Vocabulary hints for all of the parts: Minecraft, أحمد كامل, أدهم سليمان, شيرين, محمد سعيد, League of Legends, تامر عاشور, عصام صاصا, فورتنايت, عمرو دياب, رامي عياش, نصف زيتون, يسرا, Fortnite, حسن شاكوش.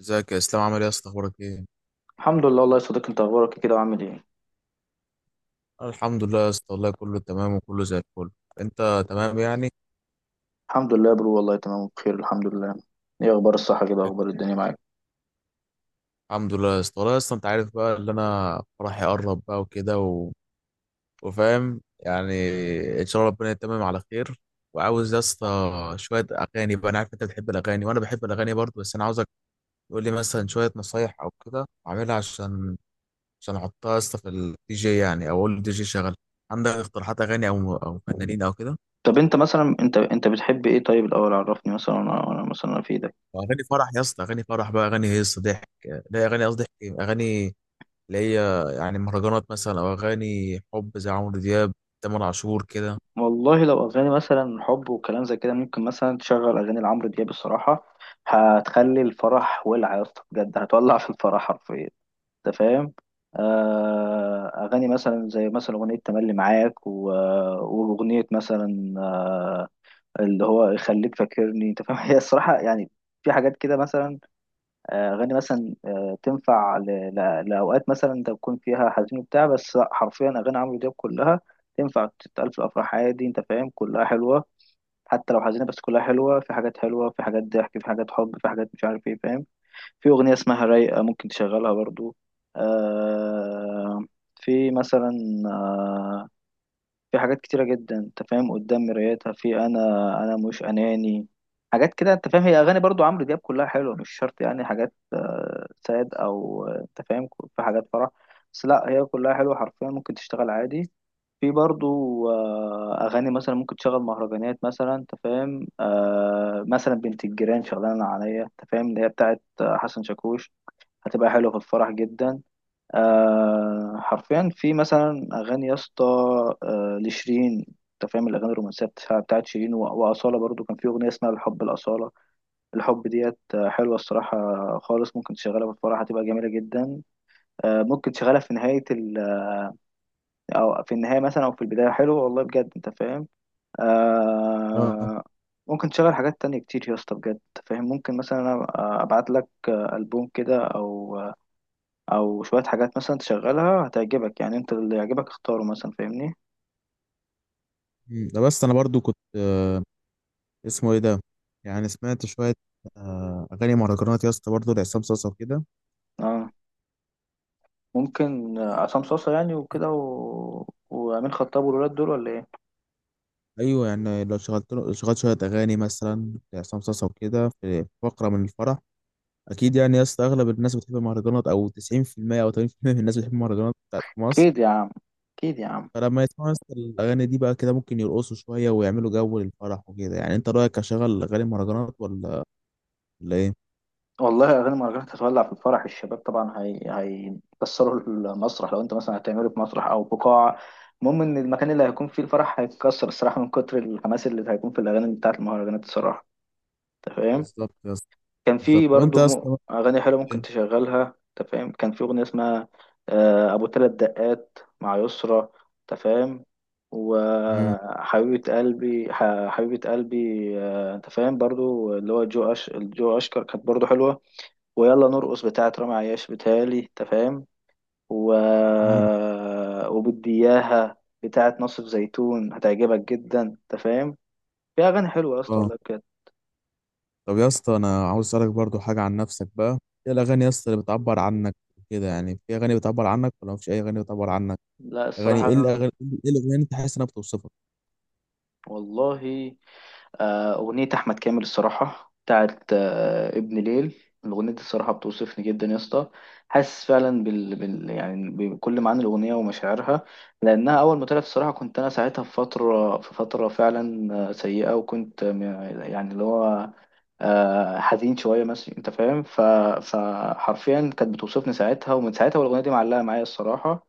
ازيك يا اسلام؟ عامل ايه يا اسطى؟ اخبارك ايه؟ الحمد لله والله يا صديقي، انت اخبارك إيه كده وعامل ايه؟ أنا الحمد لله يا اسطى، والله كله تمام وكله زي الفل. انت تمام يعني؟ الحمد لله يا برو، والله تمام بخير الحمد لله. ايه اخبار الصحه كده، اخبار الدنيا معاك؟ الحمد لله يا اسطى، والله يا اسطى انت عارف بقى اللي انا فرحي قرب بقى وكده وفاهم يعني. ان شاء الله ربنا يتمم على خير. وعاوز يا اسطى شويه اغاني بقى، انا عارف انت بتحب الاغاني وانا بحب الاغاني برضه، بس انا عاوزك تقول لي مثلا شويه نصايح او كده اعملها عشان احطها يا اسطى في الدي جي يعني، او اقول الدي جي شغل. عندك اقتراحات اغاني او فنانين او كده؟ طب انت مثلا، انت بتحب ايه؟ طيب الاول عرفني مثلا، انا مثلا في ده. اغاني فرح يا اسطى، اغاني فرح بقى، اغاني هيصه ضحك. لا، اغاني قصدي ضحك، اغاني اللي هي يعني مهرجانات مثلا او اغاني حب زي عمرو دياب، تامر عاشور كده. والله لو اغاني مثلا حب وكلام زي كده، ممكن مثلا تشغل اغاني لعمرو دياب الصراحه. هتخلي الفرح ولع يا اسطى، بجد هتولع في الفرح حرفيا. انت فاهم؟ اغاني مثلا زي مثلا اغنيه تملي معاك واغنيه مثلا. اللي هو يخليك فاكرني، انت فاهم؟ هي الصراحه يعني. في حاجات كده مثلا. اغاني مثلا تنفع لاوقات مثلا انت بتكون فيها حزين وبتاع، بس لأ، حرفيا اغاني عمرو دياب كلها تنفع تتقال في الافراح عادي، انت فاهم؟ كلها حلوه. حتى لو حزينه بس كلها حلوه، في حاجات حلوه، في حاجات ضحك، في حاجات حب، في حاجات مش عارف ايه، فاهم؟ في اغنيه اسمها رايقه ممكن تشغلها برضو. آه، في مثلا آه، في حاجات كتيرة جدا، انت فاهم؟ قدام مرايتها في انا. انا مش اناني. حاجات كده، انت فاهم؟ هي اغاني برضو عمرو دياب كلها حلوة، مش شرط يعني حاجات ساد او انت فاهم. في حاجات فرح. بس لا، هي كلها حلوة حرفيا، ممكن تشتغل عادي. في برضو اغاني مثلا ممكن تشغل مهرجانات مثلا، انت فاهم؟ مثلا بنت الجيران شغلانة عليا، انت فاهم؟ اللي هي بتاعت حسن شاكوش. هتبقى حلوة في الفرح جدا. حرفيا في مثلا اغاني يا اسطى، لشيرين. انت فاهم؟ الاغاني الرومانسيه بتاعت شيرين واصاله برضو، كان في اغنيه اسمها الحب الاصاله. الحب ديت حلوه الصراحه خالص، ممكن تشغلها في الفرح هتبقى جميله جدا. ممكن تشغلها في نهايه ال او في النهايه مثلا او في البدايه، حلو والله بجد، انت فاهم؟ اه. آه ممكن تشغل حاجات تانية كتير يا اسطى، بجد انت فاهم؟ ممكن مثلا أنا ابعت لك البوم كده، او شويه حاجات مثلا تشغلها هتعجبك، يعني انت اللي يعجبك اختاره مثلا، فاهمني؟ مم. ده بس انا برضو كنت، اسمه ايه ده، يعني سمعت شويه اغاني مهرجانات يا اسطى برضه لعصام صاصا وكده. اه، ممكن عصام صاصا يعني وكده وامين خطاب والولاد دول، ولا ايه؟ ايوه، يعني لو شغلت له، شغلت شويه اغاني مثلا لعصام صاصا وكده في فقره من الفرح اكيد يعني يا اسطى. اغلب الناس بتحب المهرجانات، او 90% او 80% من الناس بتحب المهرجانات بتاعت مصر. اكيد يا عم. اكيد يا عم. فلما يسمعوا يسطا الأغاني دي بقى كده ممكن يرقصوا شوية ويعملوا جو للفرح وكده يعني، أنت رأيك أشغل أغاني مهرجانات ولا ولا إيه؟ والله اغاني مهرجانات هتولع في الفرح، الشباب طبعا هي هيكسروا المسرح، لو انت مثلا هتعمله في مسرح او بقاعه. المهم ان المكان اللي هيكون فيه الفرح هيتكسر الصراحه، من كتر الحماس اللي هيكون في الاغاني بتاعت المهرجانات الصراحه. انت فاهم؟ بالظبط يا اسطى. كان بالظبط. في طب أنت برضو يا اسطى بقى أغاني حلوة ممكن إيه؟ تشغلها. أنت فاهم؟ كان في أغنية اسمها أبو تلات دقات مع يسرا، أنت فاهم؟ مم، وحبيبة قلبي، حبيبة قلبي. أنت فاهم؟ برضو اللي هو جو أشكر كانت برضو حلوة. ويلا نرقص بتاعة رامي عياش، بتهيألي. أنت فاهم؟ و... مم، وبدياها بتاعة نصف زيتون هتعجبك جدا، أنت فاهم؟ في أغاني حلوة يا اسطى، أه. والله بجد. طب يا اسطى، أنا عاوز أسألك برضو حاجة عن نفسك بقى. إيه الأغاني يا اسطى اللي بتعبر عنك كده يعني؟ في أغاني بتعبر عنك ولا مفيش أي أغاني بتعبر عنك؟ لا أغاني الصراحة، إيه؟ الأغاني إيه؟ الأغاني اللي أنت حاسس إنها بتوصفك؟ والله أغنية أحمد كامل، الصراحة بتاعت ابن ليل. الأغنية دي الصراحة بتوصفني جدا يا اسطى. حاسس فعلا يعني بكل معاني الأغنية ومشاعرها. لأنها أول ما طلعت الصراحة، كنت أنا ساعتها في فترة فعلا سيئة، وكنت يعني اللي هو حزين شوية مثلا، أنت فاهم؟ فحرفيا كانت بتوصفني ساعتها، ومن ساعتها والأغنية دي معلقة معايا الصراحة.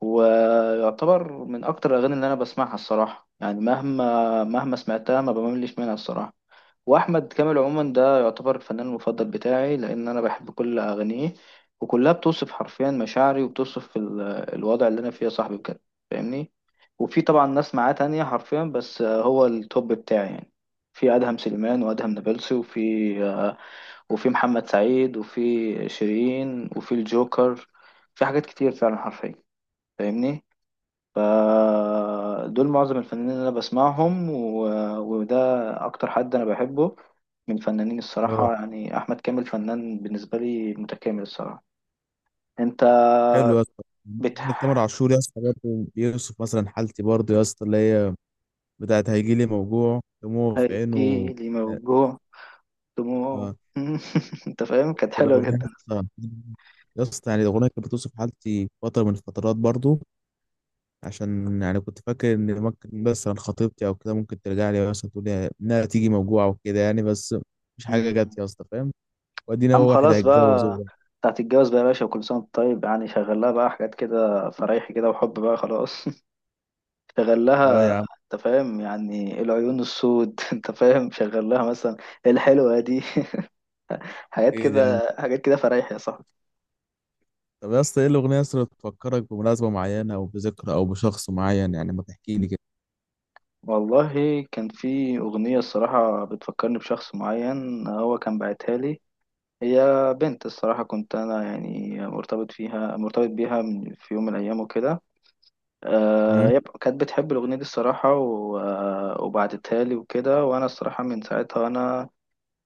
ويعتبر من اكتر الاغاني اللي انا بسمعها الصراحه، يعني مهما سمعتها ما بملش منها الصراحه. واحمد كامل عموما ده يعتبر الفنان المفضل بتاعي، لان انا بحب كل اغانيه. وكلها بتوصف حرفيا مشاعري، وبتوصف الوضع اللي انا فيه يا صاحبي بجد. فاهمني؟ وفي طبعا ناس معاه تانية حرفيا، بس هو التوب بتاعي يعني. في ادهم سليمان وادهم نابلسي آه، وفي محمد سعيد وفي شيرين وفي الجوكر. في حاجات كتير فعلا حرفيا. فاهمني؟ فدول معظم الفنانين اللي انا بسمعهم، وده اكتر حد انا بحبه من فنانين أه، الصراحة، يعني احمد كامل فنان بالنسبة لي متكامل الصراحة. انت حلو يا اسطى. عندك تامر بتحكي عاشور يا اسطى برضه بيوصف مثلا حالتي برضه يا اسطى، اللي هي بتاعت هيجيلي موجوع دموعه في عينه. لي موجوع دموع. آه، انت فاهم؟ كانت ده حلوة أغنية جدا. آه. يا اسطى يعني الأغنية كانت بتوصف حالتي فترة من الفترات برضو، عشان يعني كنت فاكر إن ممكن مثلا خطيبتي أو كده ممكن ترجع لي، مثلا تقول لي إنها تيجي موجوعة وكده يعني، بس مش حاجة مم. جت يا اسطى، فاهم؟ وأدينا عم هو واحد خلاص هيتجوز بقى، هو. بتاعت الجواز بقى يا باشا، وكل سنة وأنت طيب، يعني شغل لها بقى حاجات كده فرايحي كده وحب بقى خلاص. شغل أه لها، يا عم. انت فاهم يعني إيه العيون السود؟ انت فاهم؟ شغل لها مثلا إيه الحلوة دي؟ حاجات أكيد يا عم. كده، حاجات كده فرايح يا صاحبي. طب يا اسطى، إيه الأغنية يا اسطى اللي بتفكرك بمناسبة معينة أو بذكرى أو بشخص معين؟ يعني ما تحكي لي كده. والله كان في أغنية الصراحة بتفكرني بشخص معين، هو كان باعتها لي. هي بنت الصراحة، كنت أنا يعني مرتبط بيها في يوم من الأيام وكده. أمم. هي كانت بتحب الأغنية دي الصراحة وبعتتها لي وكده، وأنا الصراحة من ساعتها وأنا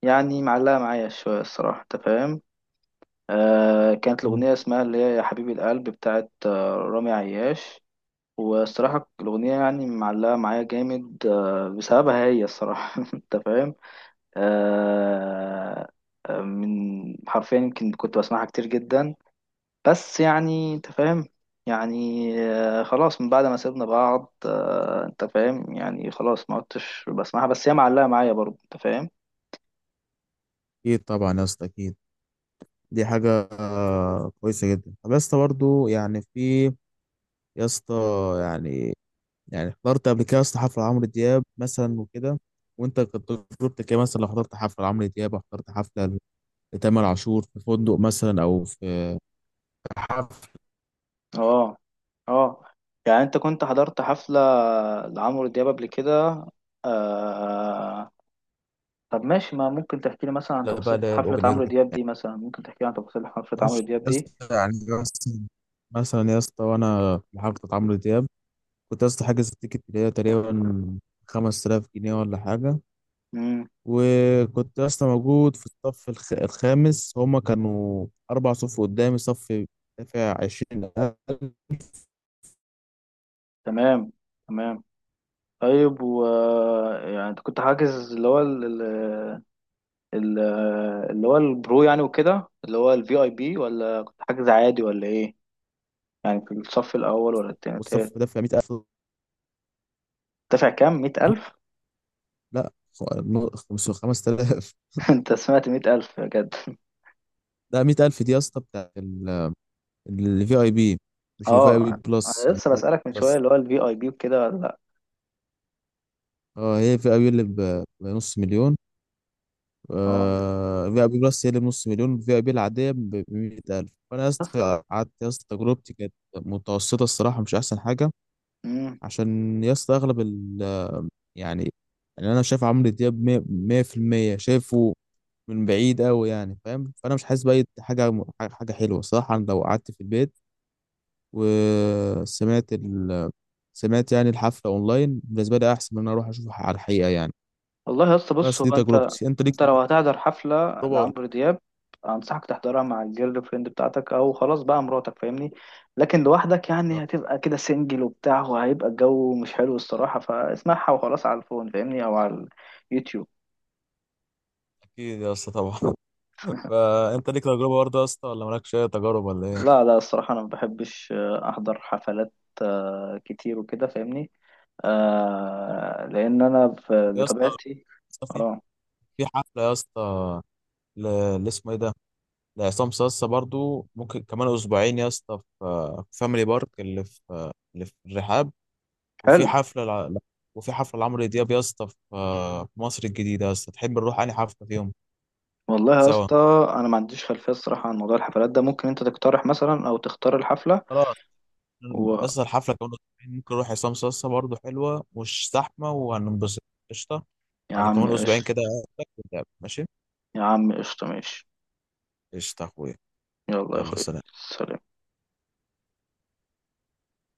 يعني معلقة معايا شوية الصراحة، أنت فاهم؟ كانت الأغنية اسمها اللي هي يا حبيبي القلب بتاعت رامي عياش. والصراحة الأغنية يعني معلقة معايا جامد، بسببها هي الصراحة. أنت فاهم؟ آه آه، من حرفيا يمكن كنت بسمعها كتير جدا. بس يعني أنت فاهم. يعني خلاص من بعد ما سيبنا بعض، أنت فاهم؟ يعني خلاص ما عدتش بسمعها، بس هي معلقة معايا برضه، أنت فاهم؟ أكيد طبعا يا اسطى، أكيد. دي حاجة كويسة جدا. طب يا اسطى برضه يعني في، يا اسطى، يعني، يعني حضرت قبل كده يا اسطى حفلة عمرو دياب مثلا وكده، وانت كانت تجربتك ايه مثلا لو حضرت حفلة لعمرو دياب او حضرت حفلة لتامر عاشور في فندق مثلا او في حفلة اه. اه. يعني انت كنت حضرت حفلة لعمرو دياب قبل كده؟ آه... طب ماشي، ما ممكن تحكي لي مثلا عن بقى، تفاصيل اللي هي حفلة الاوبن اير عمرو وكده. دياب دي؟ مثلا ممكن تحكي لي عن تفاصيل حفلة عمرو ماشي دياب يا دي. اسطى يعني، مثلا، مثلا يا اسطى وانا في حفلة عمرو دياب كنت يا اسطى حاجز التيكت اللي هي تقريبا 5000 جنيه ولا حاجة، امم. وكنت اصلا موجود في الصف الخامس. هما كانوا اربع صف قدامي، صف دافع 20,000، تمام. تمام. طيب و يعني انت كنت حاجز اللي هو ال- اللي هو البرو يعني وكده، اللي هو الفي اي بي، ولا كنت حاجز عادي ولا ايه؟ يعني في الصف الاول ولا التاني والصف التالت؟ دافع 100,000. دافع كام؟ مئة ألف؟ لا، خمس تلاف. انت سمعت مئة ألف بجد؟ ده 100,000 دي يا اسطى بتاع الفي اي بي، مش الفي اي بي اه، بلس انا يعني، لسه لا بسألك من شوية بس. اللي هو الفي اي بي وكده، ولا لا؟ اه، هي في اي بي اللي بنص مليون. اه. في اي بي بلس هي اللي بنص مليون، في اي بي العادية ب 100,000. فأنا يا بس. اسطى قعدت يا اسطى، تجربتي كانت متوسطة الصراحة، مش أحسن حاجة. امم. عشان يا اسطى أغلب، يعني، يعني انا شايف عمرو دياب 100% شايفه من بعيد قوي يعني، فاهم؟ فانا مش حاسس باي حاجه حاجه حلوه. صح انا لو قعدت في البيت وسمعت سمعت يعني الحفله اونلاين، بالنسبه لي احسن من ان انا اروح اشوفها على الحقيقه يعني. والله يا اسطى، بص بس هو دي انت تجربتي، انت ليك انت لو هتحضر حفلة تجربه ولا؟ لعمرو دياب، انصحك تحضرها مع الجيرل فريند بتاعتك، او خلاص بقى مراتك. فاهمني؟ لكن لوحدك يعني هتبقى كده سنجل وبتاع، وهيبقى الجو مش حلو الصراحة، فاسمعها وخلاص على الفون، فاهمني؟ او على اليوتيوب. اكيد يا اسطى طبعا. فانت ليك تجربه برضه يا اسطى، ولا مالكش اي تجارب ولا ايه؟ لا، لا، الصراحة انا ما بحبش احضر حفلات كتير وكده، فاهمني؟ لان انا يا اسطى، يا بطبيعتي. اسطى في، اه. في حفله يا اسطى اللي اسمه ايه ده، ده عصام صاصا برضو ممكن كمان اسبوعين يا اسطى في، في فاميلي بارك اللي في، اللي في الرحاب. وفي حلو حفله لا، وفي حفله لعمرو دياب يا اسطى في، في مصر الجديده. يا اسطى تحب نروح انهي حفله فيهم والله يا سوا؟ اسطى، انا ما عنديش خلفيه الصراحه عن موضوع الحفلات ده، ممكن انت تقترح مثلا او تختار الحفله خلاص و يا اسطى، الحفله كمان اسبوعين ممكن نروح عصام صاصا برضو، حلوه مش زحمه وهننبسط. قشطه. يا على عم كمان اسبوعين كده قشطه. أقابلك ونتقابل، ماشي. يا عم قشطه، ماشي. قشطه يا اخويا. يلا يا يلا اخوي. سلام. سلام.